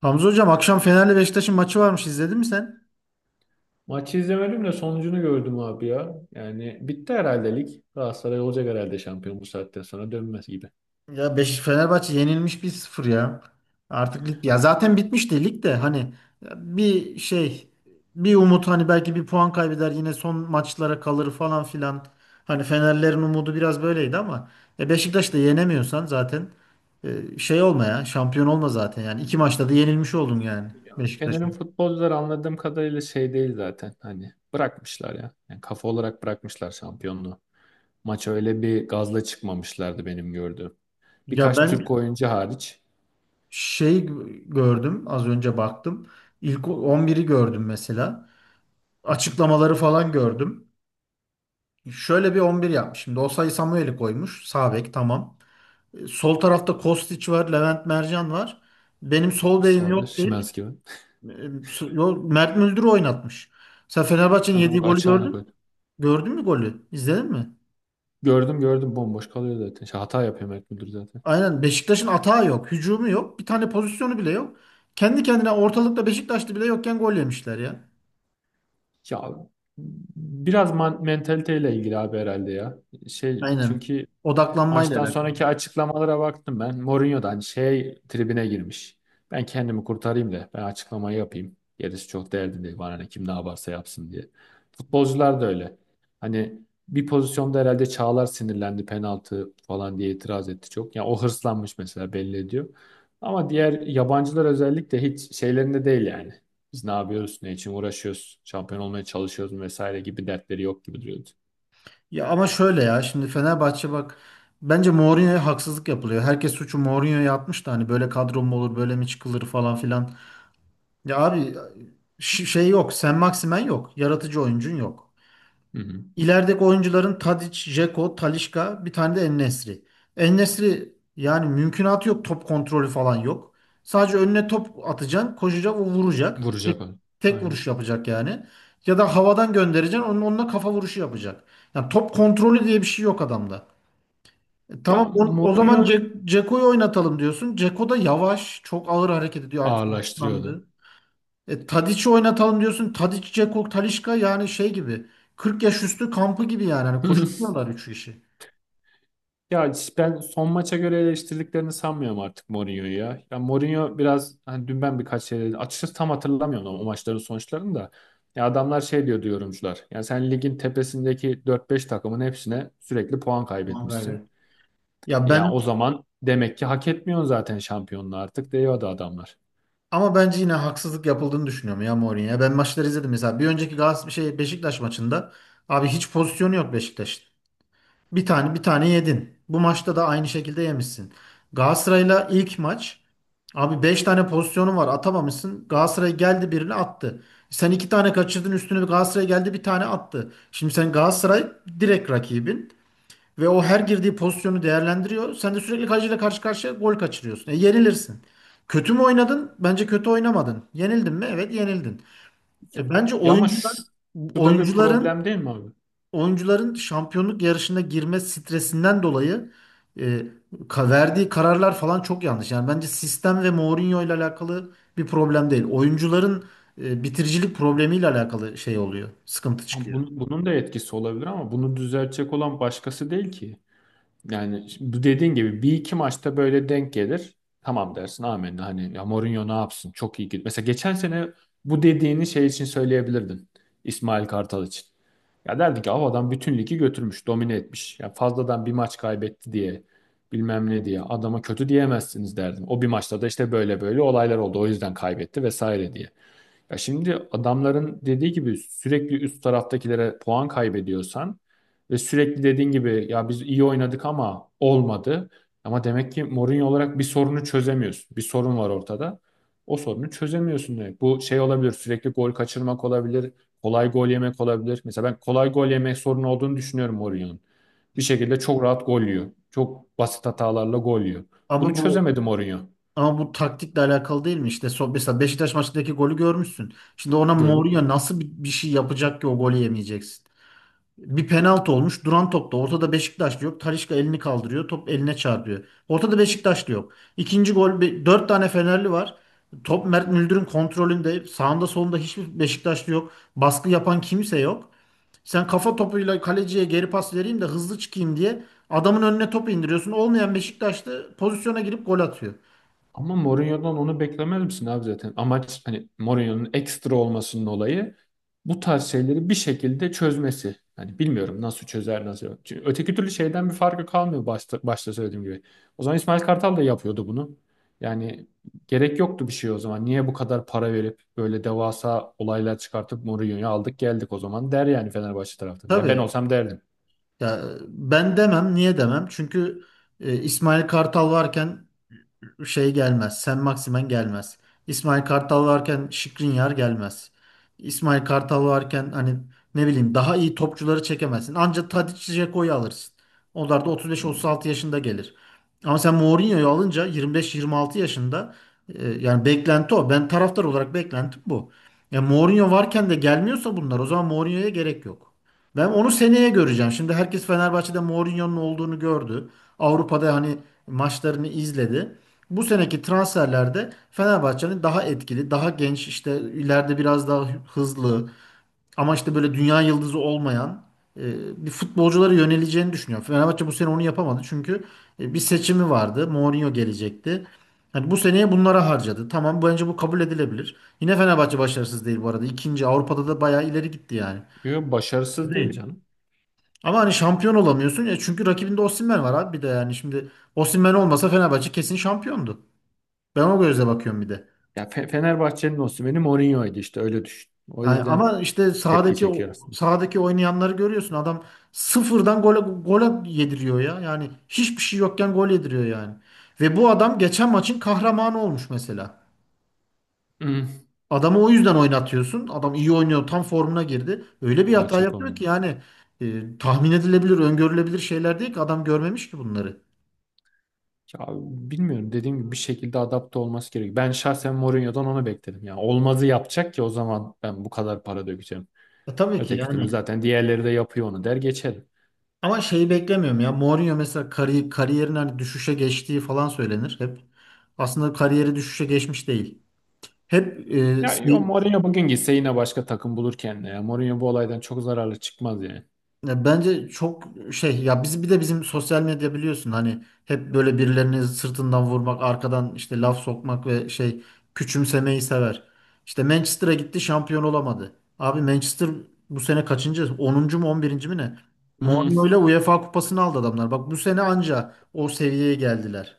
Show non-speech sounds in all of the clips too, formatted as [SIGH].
Hamza hocam akşam Fener'le Beşiktaş'ın maçı varmış, izledin mi sen? Maçı izlemedim de sonucunu gördüm abi ya. Yani bitti herhalde lig. Galatasaray olacak herhalde şampiyon bu saatten sonra dönmez gibi. Ya, Fenerbahçe yenilmiş 1-0 ya. Artık lig, ya zaten bitmişti lig de hani, ya, bir şey, bir umut, hani belki bir puan kaybeder, yine son maçlara kalır falan filan. Hani Fenerlerin umudu biraz böyleydi ama Beşiktaş'ı da yenemiyorsan zaten, olma ya, şampiyon olma zaten, yani iki maçta da yenilmiş oldun yani. Ya, Fener'in Beşiktaş'a. futbolcuları anladığım kadarıyla şey değil zaten. Hani bırakmışlar ya. Yani kafa olarak bırakmışlar şampiyonluğu. Maça öyle bir gazla çıkmamışlardı benim gördüğüm. Ya Birkaç Türk ben oyuncu hariç. şey gördüm, az önce baktım. İlk 11'i gördüm mesela. Hı, Açıklamaları falan gördüm. Şöyle bir 11 yapmış. Şimdi Osayi Samuel'i koymuş. Sağ bek tamam. Sol tarafta Kostić var, Levent Mercan var. Benim sol bekim sağda yok deyip Şimanski var. e, Mert Müldür'ü oynatmış. Sen Fenerbahçe'nin Ha yediği doğru golü gördün açığını mü? koydu. Gördün mü golü? İzledin mi? Gördüm gördüm bomboş kalıyor zaten. Şey, hata yapıyor Mert Müldür zaten. Aynen, Beşiktaş'ın atağı yok, hücumu yok, bir tane pozisyonu bile yok. Kendi kendine ortalıkta Beşiktaşlı bile yokken gol yemişler ya. Ya biraz mentaliteyle ilgili abi herhalde ya. Şey Aynen. çünkü Odaklanmayla maçtan alakalı. sonraki açıklamalara baktım ben. Mourinho'dan şey tribine girmiş. Ben kendimi kurtarayım da ben açıklamayı yapayım. Gerisi çok derdim değil, bana ne kim ne yaparsa yapsın diye. Futbolcular da öyle. Hani bir pozisyonda herhalde Çağlar sinirlendi penaltı falan diye itiraz etti çok. Yani o hırslanmış mesela, belli ediyor. Ama diğer yabancılar özellikle hiç şeylerinde değil yani. Biz ne yapıyoruz, ne için uğraşıyoruz, şampiyon olmaya çalışıyoruz vesaire gibi dertleri yok gibi duruyordu. Ya ama şöyle ya, şimdi Fenerbahçe bak, bence Mourinho'ya haksızlık yapılıyor. Herkes suçu Mourinho'ya yapmış da, hani böyle kadro mu olur, böyle mi çıkılır falan filan. Ya abi, şey yok, Sen Maximen yok. Yaratıcı oyuncun yok. Hı hı. İlerideki oyuncuların Tadic, Dzeko, Talisca, bir tane de En-Nesyri. En-Nesyri yani mümkünatı yok, top kontrolü falan yok. Sadece önüne top atacaksın, koşacak, o vuracak. Vuracak onu. Tek Aynen. vuruş yapacak yani. Ya da havadan göndereceksin, onunla kafa vuruşu yapacak. Yani top kontrolü diye bir şey yok adamda. Ya Tamam, o Mourinho zaman Ceko'yu oynatalım diyorsun. Ceko da yavaş, çok ağır hareket ediyor, artık ağırlaştırıyordu. yaşlandı. Tadic'i oynatalım diyorsun. Tadic, Ceko, Talisca, yani şey gibi. 40 yaş üstü kampı gibi yani. Hani [LAUGHS] koşamıyorlar üç kişi. Ya ben son maça göre eleştirdiklerini sanmıyorum artık Mourinho'yu ya. Ya Mourinho biraz hani dün ben birkaç şey açıkçası tam hatırlamıyorum ama o maçların sonuçlarını da. Ya adamlar şey diyor yorumcular. Ya sen ligin tepesindeki dört beş takımın hepsine sürekli puan Mangayver. kaybetmişsin. Ya Ya o zaman demek ki hak etmiyorsun zaten şampiyonluğu artık diyordu adamlar. ama bence yine haksızlık yapıldığını düşünüyorum ya Mourinho'ya. Ben maçları izledim mesela. Bir önceki Galatasaray Beşiktaş maçında, abi hiç pozisyonu yok Beşiktaş. Bir tane, bir tane yedin. Bu maçta da aynı şekilde yemişsin. Galatasaray'la ilk maç, abi 5 tane pozisyonun var, atamamışsın. Galatasaray geldi, birini attı. Sen 2 tane kaçırdın, üstüne bir Galatasaray geldi, bir tane attı. Şimdi sen Galatasaray direkt rakibin ve o her girdiği pozisyonu değerlendiriyor. Sen de sürekli kaleciyle karşı karşıya gol kaçırıyorsun. E yenilirsin. Kötü mü oynadın? Bence kötü oynamadın. Yenildin mi? Evet, yenildin. Ya, E bence ya ama oyuncular, şu, şu da bir oyuncuların problem değil mi abi? oyuncuların şampiyonluk yarışına girme stresinden dolayı, e, verdiği kararlar falan çok yanlış. Yani bence sistem ve Mourinho ile alakalı bir problem değil. Oyuncuların bitiricilik problemiyle alakalı şey oluyor. Sıkıntı Ha, çıkıyor. bunun da etkisi olabilir ama bunu düzeltecek olan başkası değil ki. Yani şimdi bu dediğin gibi bir iki maçta böyle denk gelir. Tamam dersin, amenna, hani ya Mourinho ne yapsın, çok iyi gidiyor. Mesela geçen sene bu dediğini şey için söyleyebilirdin. İsmail Kartal için. Ya derdi ki "Av bütün ligi götürmüş, domine etmiş. Ya fazladan bir maç kaybetti diye bilmem ne diye adama kötü diyemezsiniz" derdim. O bir maçta da işte böyle böyle olaylar oldu. O yüzden kaybetti vesaire diye. Ya şimdi adamların dediği gibi sürekli üst taraftakilere puan kaybediyorsan ve sürekli dediğin gibi ya biz iyi oynadık ama olmadı. Ama demek ki Mourinho olarak bir sorunu çözemiyorsun. Bir sorun var ortada. O sorunu çözemiyorsun demek. Bu şey olabilir, sürekli gol kaçırmak olabilir, kolay gol yemek olabilir. Mesela ben kolay gol yemek sorunu olduğunu düşünüyorum Mourinho'nun. Bir şekilde çok rahat gol yiyor. Çok basit hatalarla gol yiyor. Bunu Ama bu çözemedi Mourinho. ama bu taktikle alakalı değil mi? İşte, mesela Beşiktaş maçındaki golü görmüşsün. Şimdi ona Gördün Mourinho mü? nasıl bir şey yapacak ki o golü yemeyeceksin? Bir penaltı olmuş. Duran topta. Ortada Beşiktaşlı yok. Talisca elini kaldırıyor. Top eline çarpıyor. Ortada Beşiktaşlı yok. İkinci gol. Dört tane Fenerli var. Top Mert Müldür'ün kontrolünde. Sağında solunda hiçbir Beşiktaşlı yok. Baskı yapan kimse yok. Sen kafa topuyla kaleciye geri pas vereyim de hızlı çıkayım diye adamın önüne topu indiriyorsun. Olmayan Beşiktaşlı pozisyona girip gol atıyor. Ama Mourinho'dan onu beklemez misin abi zaten? Amaç hani Mourinho'nun ekstra olmasının olayı bu tarz şeyleri bir şekilde çözmesi. Hani bilmiyorum, nasıl çözer nasıl yok. Çünkü öteki türlü şeyden bir farkı kalmıyor, başta söylediğim gibi. O zaman İsmail Kartal da yapıyordu bunu. Yani gerek yoktu bir şey o zaman. Niye bu kadar para verip böyle devasa olaylar çıkartıp Mourinho'yu aldık geldik o zaman der yani Fenerbahçe taraftarı. Ya ben Tabii. olsam derdim. Ya ben demem. Niye demem? Çünkü İsmail Kartal varken şey gelmez. Sen Maximen gelmez. İsmail Kartal varken Skriniar gelmez. İsmail Kartal varken hani, ne bileyim, daha iyi topçuları çekemezsin. Ancak Tadic, Dzeko'yu alırsın. Onlar da 35-36 yaşında gelir. Ama sen Mourinho'yu alınca 25-26 yaşında, yani beklenti o. Ben taraftar olarak beklentim bu. Ya Mourinho varken de gelmiyorsa bunlar, o zaman Mourinho'ya gerek yok. Ben onu seneye göreceğim. Şimdi herkes Fenerbahçe'de Mourinho'nun olduğunu gördü. Avrupa'da hani maçlarını izledi, bu seneki transferlerde Fenerbahçe'nin daha etkili, daha genç, işte ileride biraz daha hızlı, ama işte böyle dünya yıldızı olmayan, bir futbolculara yöneleceğini düşünüyorum. Fenerbahçe bu sene onu yapamadı çünkü bir seçimi vardı. Mourinho gelecekti. Hani bu seneye bunlara harcadı. Tamam, bence bu kabul edilebilir. Yine Fenerbahçe başarısız değil bu arada. İkinci, Avrupa'da da bayağı ileri gitti yani. Yo, başarısız değil Değil. canım. Ama hani şampiyon olamıyorsun ya, çünkü rakibinde Osimhen var abi, bir de yani, şimdi Osimhen olmasa Fenerbahçe kesin şampiyondu. Ben o gözle bakıyorum bir de. Ya Fenerbahçe'nin Osimhen'i Mourinho'ydu işte, öyle düşün. O Yani yüzden ama işte tepki çekiyor aslında. sahadaki oynayanları görüyorsun. Adam sıfırdan gole gole yediriyor ya. Yani hiçbir şey yokken gol yediriyor yani. Ve bu adam geçen maçın kahramanı olmuş mesela. Hmm. Adamı o yüzden oynatıyorsun. Adam iyi oynuyor, tam formuna girdi. Öyle bir Bu maç hata yapıyor ki yapamıyor. yani, tahmin edilebilir, öngörülebilir şeyler değil ki, adam görmemiş ki bunları. Ya bilmiyorum, dediğim gibi bir şekilde adapte olması gerekiyor. Ben şahsen Mourinho'dan onu bekledim. Yani olmazı yapacak ki o zaman ben bu kadar para dökeceğim. Tabii ki Öteki türlü yani. zaten diğerleri de yapıyor onu der geçerim. Ama şeyi beklemiyorum ya. Mourinho mesela kariyerin hani düşüşe geçtiği falan söylenir hep. Aslında kariyeri düşüşe geçmiş değil. Hep e, Ya yo, şey- Mourinho bugün gitse yine başka takım bulur kendine. Ya. Mourinho bu olaydan çok zararlı çıkmaz yani. Ya bence çok şey ya, biz bir de, bizim sosyal medya biliyorsun, hani hep böyle birilerini sırtından vurmak, arkadan işte laf sokmak ve küçümsemeyi sever. İşte Manchester'a gitti, şampiyon olamadı. Abi Manchester bu sene kaçıncı? 10. mu, 11. mi ne? Hmm. Mourinho ile UEFA kupasını aldı adamlar. Bak, bu sene anca o seviyeye geldiler.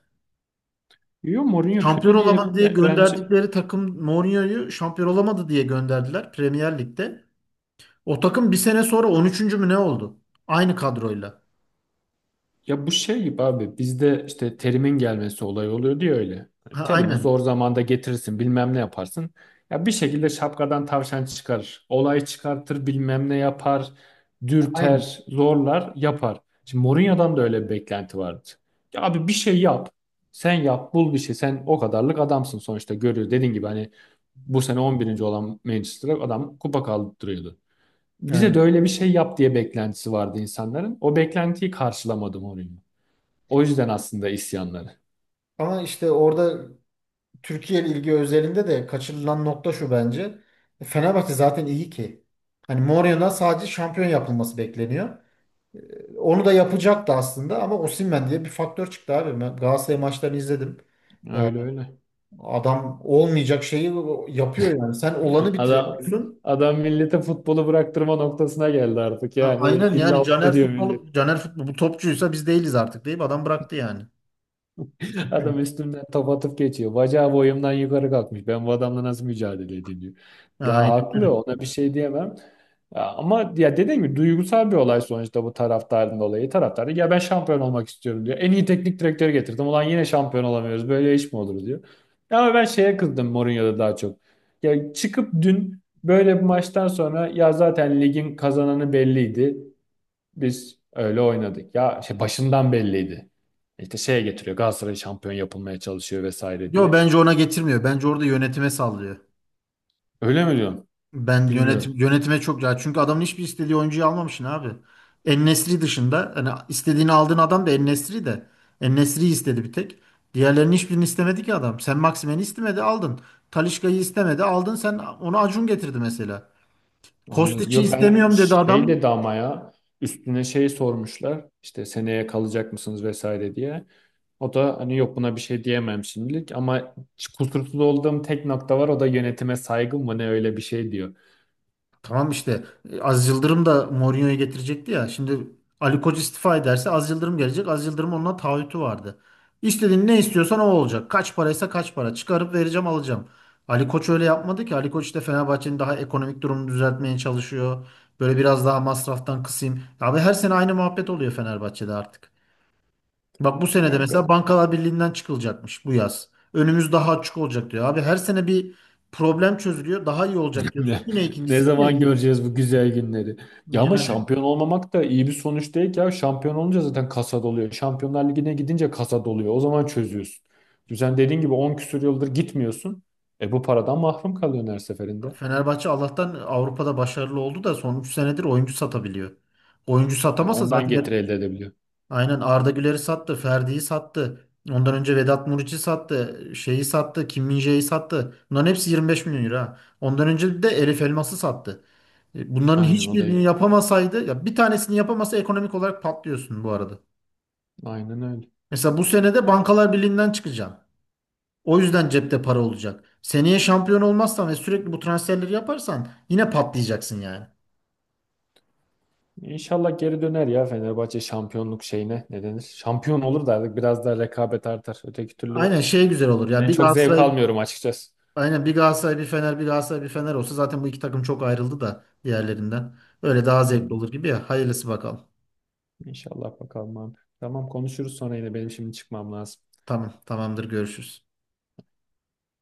Yo Mourinho Şampiyon kötü diye olamadı diye bence gönderdikleri takım, Mourinho'yu şampiyon olamadı diye gönderdiler Premier Lig'de. O takım bir sene sonra 13. mü ne oldu? Aynı kadroyla. ya bu şey gibi abi, bizde işte Terim'in gelmesi olayı oluyor diye öyle. Hani Ha, Terim'i aynen. zor zamanda getirirsin bilmem ne yaparsın. Ya bir şekilde şapkadan tavşan çıkarır. Olay çıkartır bilmem ne yapar. Aynen. Dürter, zorlar, yapar. Şimdi Mourinho'dan da öyle bir beklenti vardı. Ya abi bir şey yap. Sen yap, bul bir şey. Sen o kadarlık adamsın sonuçta, görüyor. Dediğin gibi hani bu sene 11. olan Manchester'a adam kupa kaldırıyordu. Bize Aynen. de öyle bir şey yap diye beklentisi vardı insanların. O beklentiyi karşılamadı Mourinho. O yüzden aslında isyanları. Ama işte orada Türkiye ilgi özelinde de kaçırılan nokta şu bence. Fenerbahçe zaten iyi ki. Hani Mourinho'dan sadece şampiyon yapılması bekleniyor. Onu da yapacaktı aslında, ama Osimhen diye bir faktör çıktı abi. Ben Galatasaray maçlarını izledim. Ya Öyle öyle. adam olmayacak şeyi yapıyor yani. Sen olanı Adam bitiriyorsun. adam millete futbolu bıraktırma noktasına geldi artık. Ha, Yani aynen yani. illa ediyor millet. Caner, futbol bu topçuysa biz değiliz artık, deyip adam bıraktı yani. Hı. Adam üstümden top atıp geçiyor. Bacağı boyumdan yukarı kalkmış. Ben bu adamla nasıl mücadele edeyim diyor. Ya Aynen haklı, öyle. ona bir şey diyemem. Ya, ama ya dediğim gibi duygusal bir olay sonuçta bu, taraftarın dolayı. Taraftar da, ya ben şampiyon olmak istiyorum diyor. En iyi teknik direktörü getirdim. Ulan yine şampiyon olamıyoruz. Böyle iş mi olur diyor. Ya, ama ben şeye kızdım Mourinho'da daha çok. Ya çıkıp dün böyle bir maçtan sonra ya zaten ligin kazananı belliydi. Biz öyle oynadık. Ya şey başından belliydi. İşte şeye getiriyor. Galatasaray şampiyon yapılmaya çalışıyor vesaire Yo, diye. bence ona getirmiyor. Bence orada yönetime sallıyor. Öyle mi diyorsun? Ben Bilmiyorum. yönetime çok ya, çünkü adamın hiçbir istediği oyuncuyu almamışsın abi. En-Nesyri dışında hani istediğini aldığın adam da En-Nesyri de. En-Nesyri'yi istedi bir tek. Diğerlerinin hiçbirini istemedi ki adam. Sen Maximen'i istemedi, aldın. Talisca'yı istemedi, aldın; sen onu Acun getirdi mesela. Anladım. Kostiç'i Yo ben istemiyorum dedi şey adam. dedi ama ya üstüne şey sormuşlar. İşte seneye kalacak mısınız vesaire diye. O da hani yok, buna bir şey diyemem şimdilik ama kusursuz olduğum tek nokta var. O da yönetime saygım mı ne, öyle bir şey diyor. Tamam işte, Aziz Yıldırım da Mourinho'yu getirecekti ya. Şimdi Ali Koç istifa ederse Aziz Yıldırım gelecek. Aziz Yıldırım onunla taahhütü vardı. İstediğin, ne istiyorsan o olacak. Kaç paraysa kaç para. Çıkarıp vereceğim, alacağım. Ali Koç öyle yapmadı ki. Ali Koç işte Fenerbahçe'nin daha ekonomik durumunu düzeltmeye çalışıyor. Böyle biraz daha masraftan kısayım. Abi, her sene aynı muhabbet oluyor Fenerbahçe'de artık. Bak, bu sene Ya de mesela Bankalar Birliği'nden çıkılacakmış bu yaz. Önümüz daha açık olacak diyor. Abi her sene bir problem çözülüyor. Daha iyi olacak diyorsun. Ne, Yine ne ikincisi, yine zaman ikincisi. göreceğiz bu güzel günleri? Ya ama Yani şampiyon olmamak da iyi bir sonuç değil ki ya. Şampiyon olunca zaten kasa doluyor. Şampiyonlar Ligi'ne gidince kasa doluyor. O zaman çözüyorsun. Şimdi sen dediğin gibi 10 küsur yıldır gitmiyorsun. E bu paradan mahrum kalıyorsun her seferinde. Fenerbahçe Allah'tan Avrupa'da başarılı oldu da son 3 senedir oyuncu satabiliyor. Oyuncu Ya satamasa ondan zaten getiri elde edebiliyor. aynen, Arda Güler'i sattı, Ferdi'yi sattı. Ondan önce Vedat Muriç'i sattı, şeyi sattı, Kim Min-jae'yi sattı. Bunların hepsi 25 milyon euro. Ha. Ondan önce de Elif Elmas'ı sattı. Bunların Aynen o da hiçbirini iyi. yapamasaydı, ya bir tanesini yapamasa, ekonomik olarak patlıyorsun bu arada. Aynen öyle. Mesela bu sene de Ya, Bankalar Birliği'nden çıkacaksın. O yüzden cepte para olacak. Seneye şampiyon olmazsan ve sürekli bu transferleri yaparsan yine patlayacaksın yani. İnşallah geri döner ya Fenerbahçe şampiyonluk şeyine, ne denir? Şampiyon olur da artık biraz daha rekabet artar. Öteki türlü Aynen, güzel olur ya. ben Bir çok zevk Galatasaray almıyorum açıkçası. Aynen, bir Galatasaray bir Fener, bir Galatasaray bir Fener olsa, zaten bu iki takım çok ayrıldı da diğerlerinden. Öyle daha zevkli Aynen. olur gibi ya. Hayırlısı bakalım. İnşallah bakalım abi. Tamam, konuşuruz sonra yine, benim şimdi çıkmam lazım. Tamam, tamamdır, görüşürüz.